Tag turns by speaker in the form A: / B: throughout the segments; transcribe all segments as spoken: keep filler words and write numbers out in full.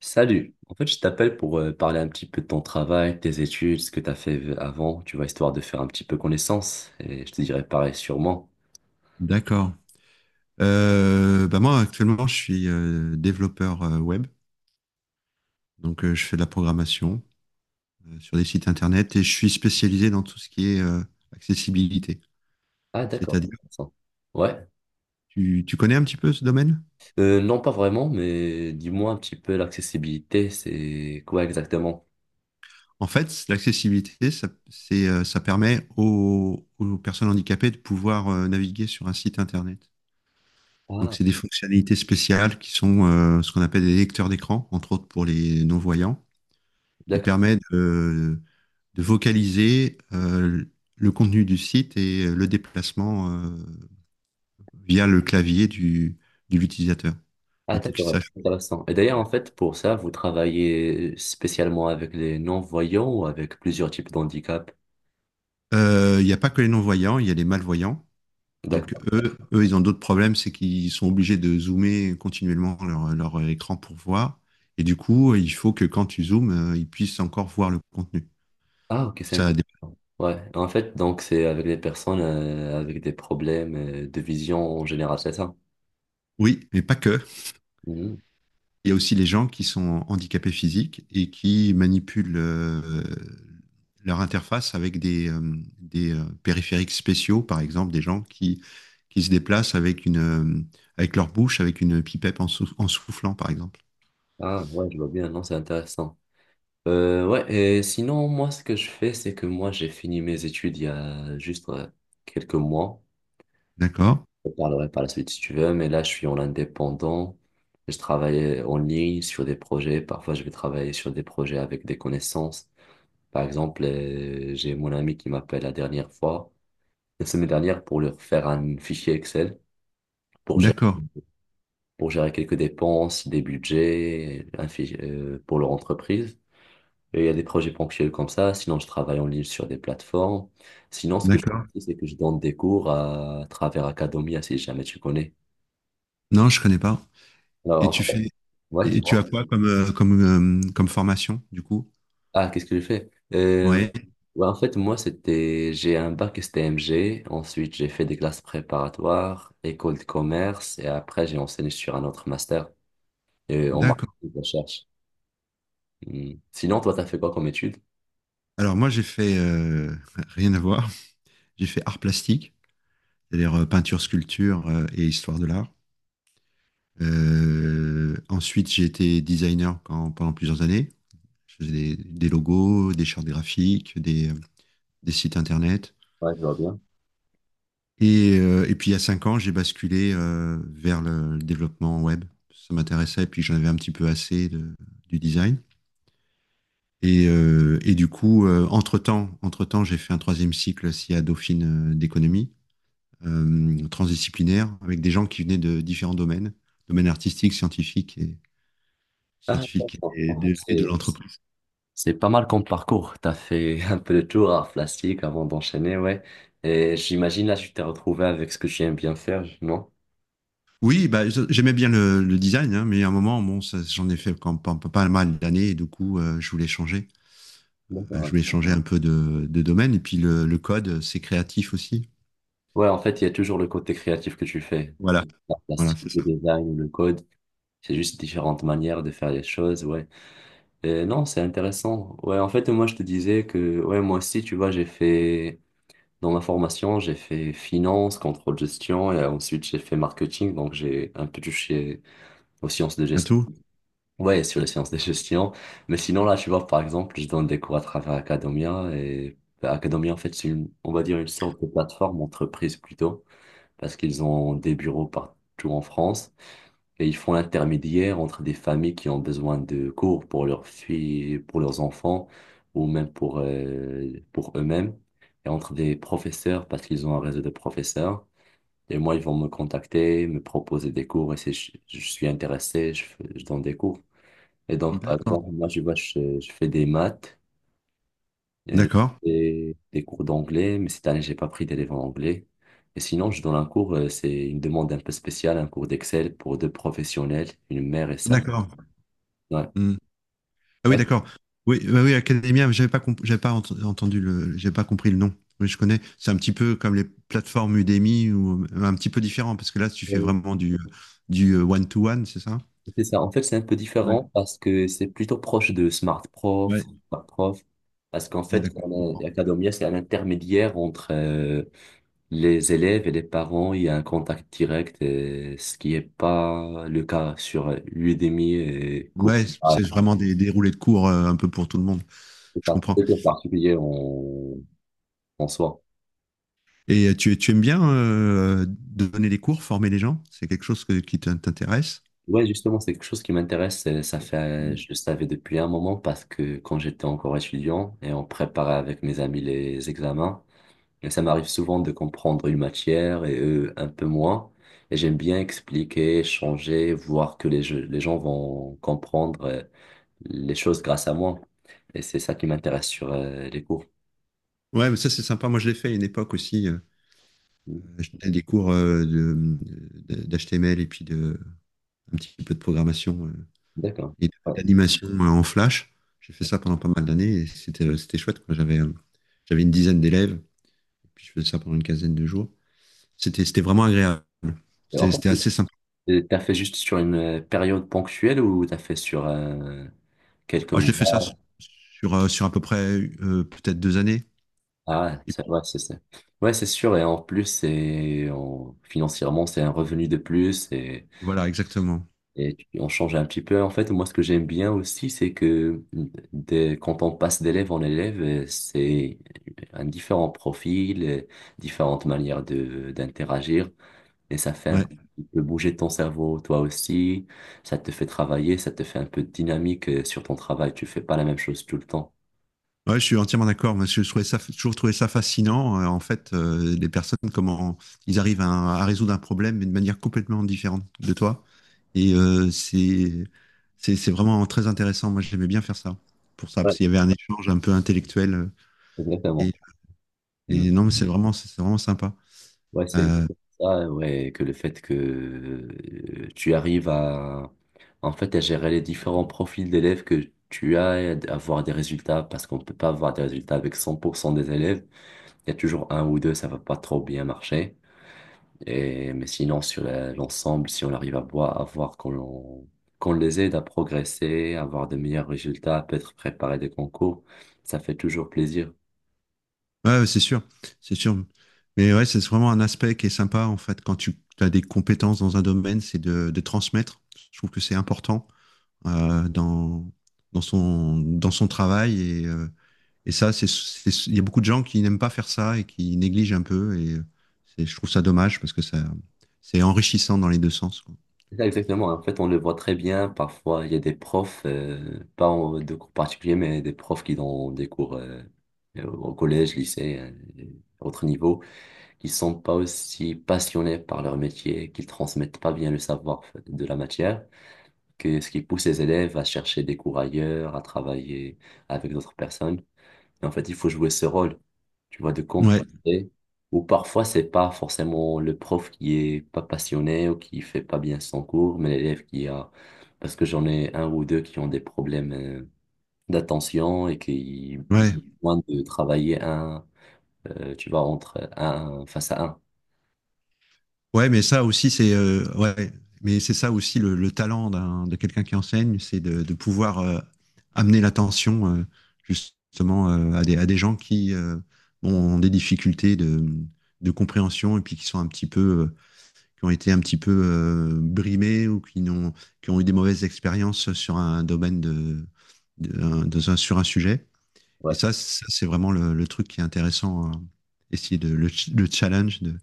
A: Salut. En fait, je t'appelle pour euh, parler un petit peu de ton travail, tes études, ce que tu as fait v- avant, tu vois, histoire de faire un petit peu connaissance. Et je te dirai pareil sûrement.
B: D'accord. Euh, bah moi, actuellement, je suis euh, développeur euh, web. Donc, euh, je fais de la programmation euh, sur des sites internet et je suis spécialisé dans tout ce qui est euh, accessibilité.
A: Ah, d'accord.
B: C'est-à-dire,
A: Intéressant. Ouais.
B: tu, tu connais un petit peu ce domaine?
A: Euh, non, pas vraiment, mais dis-moi un petit peu l'accessibilité, c'est quoi exactement?
B: En fait, l'accessibilité, ça, c'est, euh, ça permet aux, aux personnes handicapées de pouvoir euh, naviguer sur un site internet. Donc,
A: Ah,
B: c'est des fonctionnalités spéciales qui sont euh, ce qu'on appelle des lecteurs d'écran, entre autres pour les non-voyants, qui
A: d'accord.
B: permettent de de vocaliser euh, le contenu du site et euh, le déplacement euh, via le clavier du, de l'utilisateur.
A: Ah,
B: Donc pour qu'ils
A: d'accord.
B: sachent.
A: Intéressant. Et d'ailleurs, en fait, pour ça, vous travaillez spécialement avec les non-voyants ou avec plusieurs types d'handicap?
B: Euh, Il n'y a pas que les non-voyants, il y a les malvoyants. Donc
A: D'accord.
B: eux, eux ils ont d'autres problèmes, c'est qu'ils sont obligés de zoomer continuellement leur, leur écran pour voir. Et du coup, il faut que quand tu zoomes, euh, ils puissent encore voir le contenu.
A: Ah, ok, c'est un-
B: Ça, dé-
A: Ouais, en fait, donc c'est avec des personnes euh, avec des problèmes euh, de vision en général, c'est ça?
B: oui, mais pas que.
A: Mhm.
B: Il y a aussi les gens qui sont handicapés physiques et qui manipulent euh, leur interface avec des, euh, des euh, périphériques spéciaux, par exemple, des gens qui, qui se déplacent avec, une, euh, avec leur bouche, avec une pipette en, sou- en soufflant, par exemple.
A: Ah, ouais, je vois bien, non, c'est intéressant. Euh, ouais, et sinon, moi, ce que je fais, c'est que moi, j'ai fini mes études il y a juste euh, quelques mois.
B: D'accord?
A: Je parlerai par la suite si tu veux, mais là, je suis en indépendant. Je travaille en ligne sur des projets. Parfois, je vais travailler sur des projets avec des connaissances. Par exemple, euh, j'ai mon ami qui m'appelle la dernière fois, la semaine dernière pour leur faire un fichier Excel pour gérer,
B: D'accord.
A: pour gérer quelques dépenses, des budgets, un fichier, euh, pour leur entreprise. Et il y a des projets ponctuels comme ça. Sinon, je travaille en ligne sur des plateformes. Sinon, ce que je
B: D'accord.
A: fais, c'est que je donne des cours à travers Academia, si jamais tu connais.
B: Non, je connais pas. Et
A: Alors,
B: tu
A: en fait,
B: fais,
A: ouais,
B: et tu as
A: dis-moi.
B: quoi comme, euh, comme, euh, comme formation, du coup?
A: Ah, qu'est-ce que je fais? Euh,
B: Oui,
A: ouais, en fait, moi, c'était, j'ai un bac S T M G. Ensuite, j'ai fait des classes préparatoires, école de commerce. Et après, j'ai enseigné sur un autre master euh, en
B: d'accord.
A: marketing de recherche. Hmm. Sinon, toi, t'as fait quoi comme étude?
B: Alors moi, j'ai fait euh, rien à voir. J'ai fait art plastique, c'est-à-dire euh, peinture, sculpture euh, et histoire de l'art. Euh, ensuite, j'ai été designer quand- pendant plusieurs années. Je faisais des, des logos, des chartes graphiques, des, des sites internet.
A: Ouais, je vois bien.
B: Et, euh, et puis, il y a cinq ans, j'ai basculé euh, vers le, le développement web. Ça m'intéressait, et puis j'en avais un petit peu assez de- du design. Et, euh, et du coup, euh, entre-temps, entre-temps, j'ai fait un troisième cycle S I A Dauphine euh, d'économie euh, transdisciplinaire avec des gens qui venaient de différents domaines, domaines artistiques, scientifiques et,
A: Ah,
B: scientifiques
A: intéressant.
B: et
A: En fait,
B: de, et
A: c'est...
B: de l'entreprise.
A: C'est pas mal comme parcours. T'as fait un peu de tour à plastique avant d'enchaîner, ouais. Et j'imagine là, tu t'es retrouvé avec ce que tu aimes bien faire, non?
B: Oui, bah, je- j'aimais bien le, le design, hein, mais à un moment, bon, ça- j'en ai fait quand- pas, pas- pas mal d'années, et du coup, euh, je voulais changer. Euh, je
A: D'accord.
B: voulais changer un peu de, de domaine, et puis le, le code, euh, c'est créatif aussi.
A: Ouais, en fait, il y a toujours le côté créatif que tu fais.
B: Voilà,
A: La
B: voilà,
A: plastique,
B: c'est
A: le
B: ça.
A: design, le code. C'est juste différentes manières de faire les choses, ouais. Et non, c'est intéressant. Ouais, en fait, moi, je te disais que, ouais, moi aussi, tu vois, j'ai fait dans ma formation, j'ai fait finance, contrôle gestion et ensuite j'ai fait marketing, donc j'ai un peu touché aux sciences de
B: À
A: gestion.
B: tout.
A: Ouais, sur les sciences de gestion. Mais sinon, là, tu vois, par exemple, je donne des cours à travers Academia et bah, Academia, en fait, c'est une, on va dire une sorte de plateforme entreprise plutôt, parce qu'ils ont des bureaux partout en France. Et ils font l'intermédiaire entre des familles qui ont besoin de cours pour leurs filles, pour leurs enfants, ou même pour, euh, pour eux-mêmes, et entre des professeurs, parce qu'ils ont un réseau de professeurs. Et moi, ils vont me contacter, me proposer des cours, et si je, je suis intéressé, je, fais- je donne des cours. Et donc, par
B: D'accord.
A: exemple, moi, je vois, je, je fais des maths, et
B: D'accord.
A: des, des cours d'anglais, mais cette année, j'ai pas pris d'élèves en anglais. Et sinon, je donne un cours, euh, c'est une demande un peu spéciale, un cours d'Excel pour deux professionnels, une mère et sa.
B: D'accord.
A: Ouais.
B: Hmm. Ah oui,
A: Ouais,
B: d'accord. Oui, bah oui, Academia, j'avais pas, comp- j'avais pas ent- entendu le, j'avais pas compris le nom. Oui, je connais. C'est un petit peu comme les plateformes Udemy, ou euh, un petit peu différent, parce que là, tu fais
A: c'est
B: vraiment du, du euh, one-to-one, c'est ça?
A: c'est ça. En fait, c'est un peu
B: Ouais,
A: différent parce que c'est plutôt proche de Smart Prof,
B: ouais,
A: Smart Prof. Parce qu'en
B: ouais,
A: fait, on a-
B: d'accord.
A: Acadomia, c'est un intermédiaire entre euh, les élèves et les parents. Il y a un contact direct, euh, ce qui n'est pas le cas sur euh, Udemy et
B: Ouais,
A: Coursera.
B: c'est vraiment des, des roulées de cours euh, un peu pour tout le monde.
A: C'est
B: Je
A: pas
B: comprends.
A: c'est pas particulier en en soi.
B: Et euh, tu, tu aimes bien euh, donner des cours, former les gens? C'est quelque chose que- Qui t'in- t'intéresse?
A: Ouais, justement, c'est quelque chose qui m'intéresse. euh, Ça fait,
B: Mm.
A: je le savais depuis un moment parce que quand j'étais encore étudiant et on préparait avec mes amis les examens. Et ça m'arrive souvent de comprendre une matière et eux un peu moins. Et j'aime bien expliquer, changer, voir que les, jeux- les gens vont comprendre euh, les choses grâce à moi. Et c'est ça qui m'intéresse sur euh, les cours.
B: Ouais, mais ça c'est sympa. Moi je l'ai fait à une époque aussi. euh, Je donnais des cours euh, de, de- d'H T M L et puis de un petit peu de programmation euh,
A: D'accord.
B: et de-
A: Ouais.
B: d'animation euh, en Flash. J'ai fait ça pendant pas mal d'années et c'était euh, c'était chouette quoi. J'avais euh, j'avais une dizaine d'élèves et puis je faisais ça pendant une quinzaine de jours. C'était c'était vraiment agréable.
A: Et en
B: C'était
A: fait,
B: c'était assez sympa.
A: euh, t'as fait juste sur une euh, période ponctuelle ou t'as fait sur euh, quelques
B: Ah, j'ai fait ça sur,
A: mois?
B: sur, euh, sur à peu près euh, peut-être deux années.
A: Ah,
B: Et
A: c'est
B: puis
A: ouais, c'est ça. Ouais, c'est sûr. Et en plus, c'est en- financièrement, c'est un revenu de plus. Et
B: voilà, exactement.
A: Et tu- on change un petit peu. En fait, moi, ce que j'aime bien aussi, c'est que dès- quand on passe d'élève en élève, euh, c'est un différent profil, euh, différentes manières de d'interagir. Et ça fait un
B: Ouais.
A: petit peu bouger ton cerveau, toi aussi. Ça te fait travailler, ça te fait un peu de dynamique euh, sur ton travail. Tu fais pas la même chose tout le temps.
B: Ouais, je suis entièrement d'accord. Moi, je trouvais ça, j'ai toujours trouvé ça fascinant. Euh, en fait, euh, les personnes, comment ils arrivent à, à résoudre un problème, mais de manière complètement différente de toi. Et euh, c'est, c'est, c'est vraiment très intéressant. Moi, j'aimais bien faire ça. Pour ça,
A: Ouais.
B: parce qu'il y avait un échange un peu intellectuel. euh,
A: Exactement.
B: Et,
A: Hmm.
B: et non, mais c'est vraiment, c'est vraiment sympa.
A: Ouais, c'est
B: Euh,
A: exactement ça, ouais, que le fait que euh, tu arrives à, en fait, à gérer les différents profils d'élèves que tu as et à avoir des résultats, parce qu'on ne peut pas avoir des résultats avec cent pour cent des élèves. Il y a toujours un ou deux, ça va pas trop bien marcher. Et, mais sinon, sur la- l'ensemble, si on arrive à voir, à voir qu'on qu'on les aide à progresser, à avoir de meilleurs résultats, à peut-être préparer des concours, ça fait toujours plaisir.
B: Ouais, ouais, c'est sûr, c'est sûr. Mais ouais, c'est vraiment un aspect qui est sympa, en fait, quand tu as des compétences dans un domaine, c'est de, de transmettre. Je trouve que c'est important euh, dans, dans son, dans son travail. Et, euh, et ça, c'est, c'est- il y a beaucoup de gens qui n'aiment pas faire ça et qui négligent un peu. Et euh, c'est- je trouve ça dommage parce que ça, c'est enrichissant dans les deux sens, quoi.
A: Ça, exactement. En fait, on le voit très bien. Parfois, il y a des profs, euh, pas en- de cours particuliers, mais des profs qui donnent des cours euh, euh, au collège, lycée, euh, à autre niveau, qui sont pas aussi passionnés par leur métier, qui transmettent pas bien le savoir de la matière, que ce qui pousse les élèves à chercher des cours ailleurs, à travailler avec d'autres personnes. Et en fait, il faut jouer ce rôle, tu vois, de
B: Ouais,
A: compenser. Ou parfois, c'est pas forcément le prof qui est pas passionné ou qui fait pas bien son cours, mais l'élève qui a, parce que j'en ai un ou deux qui ont des problèmes euh, d'attention et qui
B: ouais.
A: ont besoin de travailler un, euh, tu vois, entre un face à un.
B: Ouais, mais ça aussi, c'est euh, ouais, mais c'est ça aussi le, le talent d'un, de quelqu'un qui enseigne, c'est de, de pouvoir euh, amener l'attention euh, justement euh, à des, à des gens qui euh, bon, ont des difficultés de, de compréhension et puis qui sont un petit peu, euh, qui ont été un petit peu euh, brimés ou qui n'ont, qui ont eu des mauvaises expériences sur un domaine de, de, un- dans un- sur un sujet. Et
A: Ouais,
B: ça, ça, c'est vraiment le, le truc qui est intéressant, hein. Essayer de le, ch- le challenge de,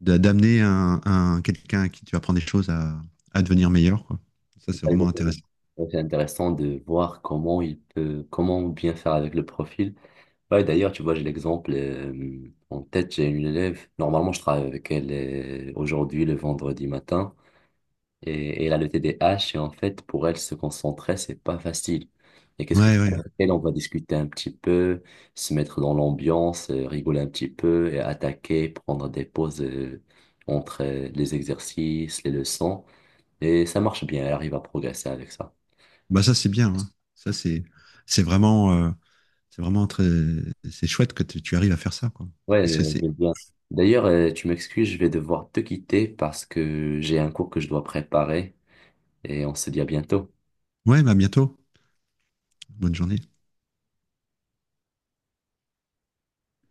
B: de- d'amener un, un- quelqu'un à qui tu apprends des choses à, à devenir meilleur, quoi. Ça,
A: c'est
B: c'est
A: ça
B: vraiment
A: exactement.
B: intéressant.
A: Donc, c'est intéressant de voir comment il peut, comment bien faire avec le profil. Ouais, d'ailleurs, tu vois, j'ai l'exemple euh, en tête, j'ai une élève, normalement je travaille avec elle euh, aujourd'hui, le vendredi matin, et, et elle a le T D A H et en fait, pour elle, se concentrer, c'est pas facile. Et qu'est-ce que
B: Ouais, ouais.
A: avec elle, on va discuter un petit peu, se mettre dans l'ambiance, euh, rigoler un petit peu, et attaquer, prendre des pauses euh, entre euh, les exercices, les leçons, et ça marche bien, elle arrive à progresser avec ça.
B: Bah ça, c'est bien. Hein. Ça, c'est c'est vraiment euh, c'est vraiment très c'est chouette que tu tu arrives à faire ça, quoi.
A: Ouais,
B: Parce
A: je
B: que c'est
A: veux bien. D'ailleurs, euh, tu m'excuses, je vais devoir te quitter parce que j'ai un cours que je dois préparer et on se dit à bientôt.
B: ouais, bah à bientôt. Bonne journée.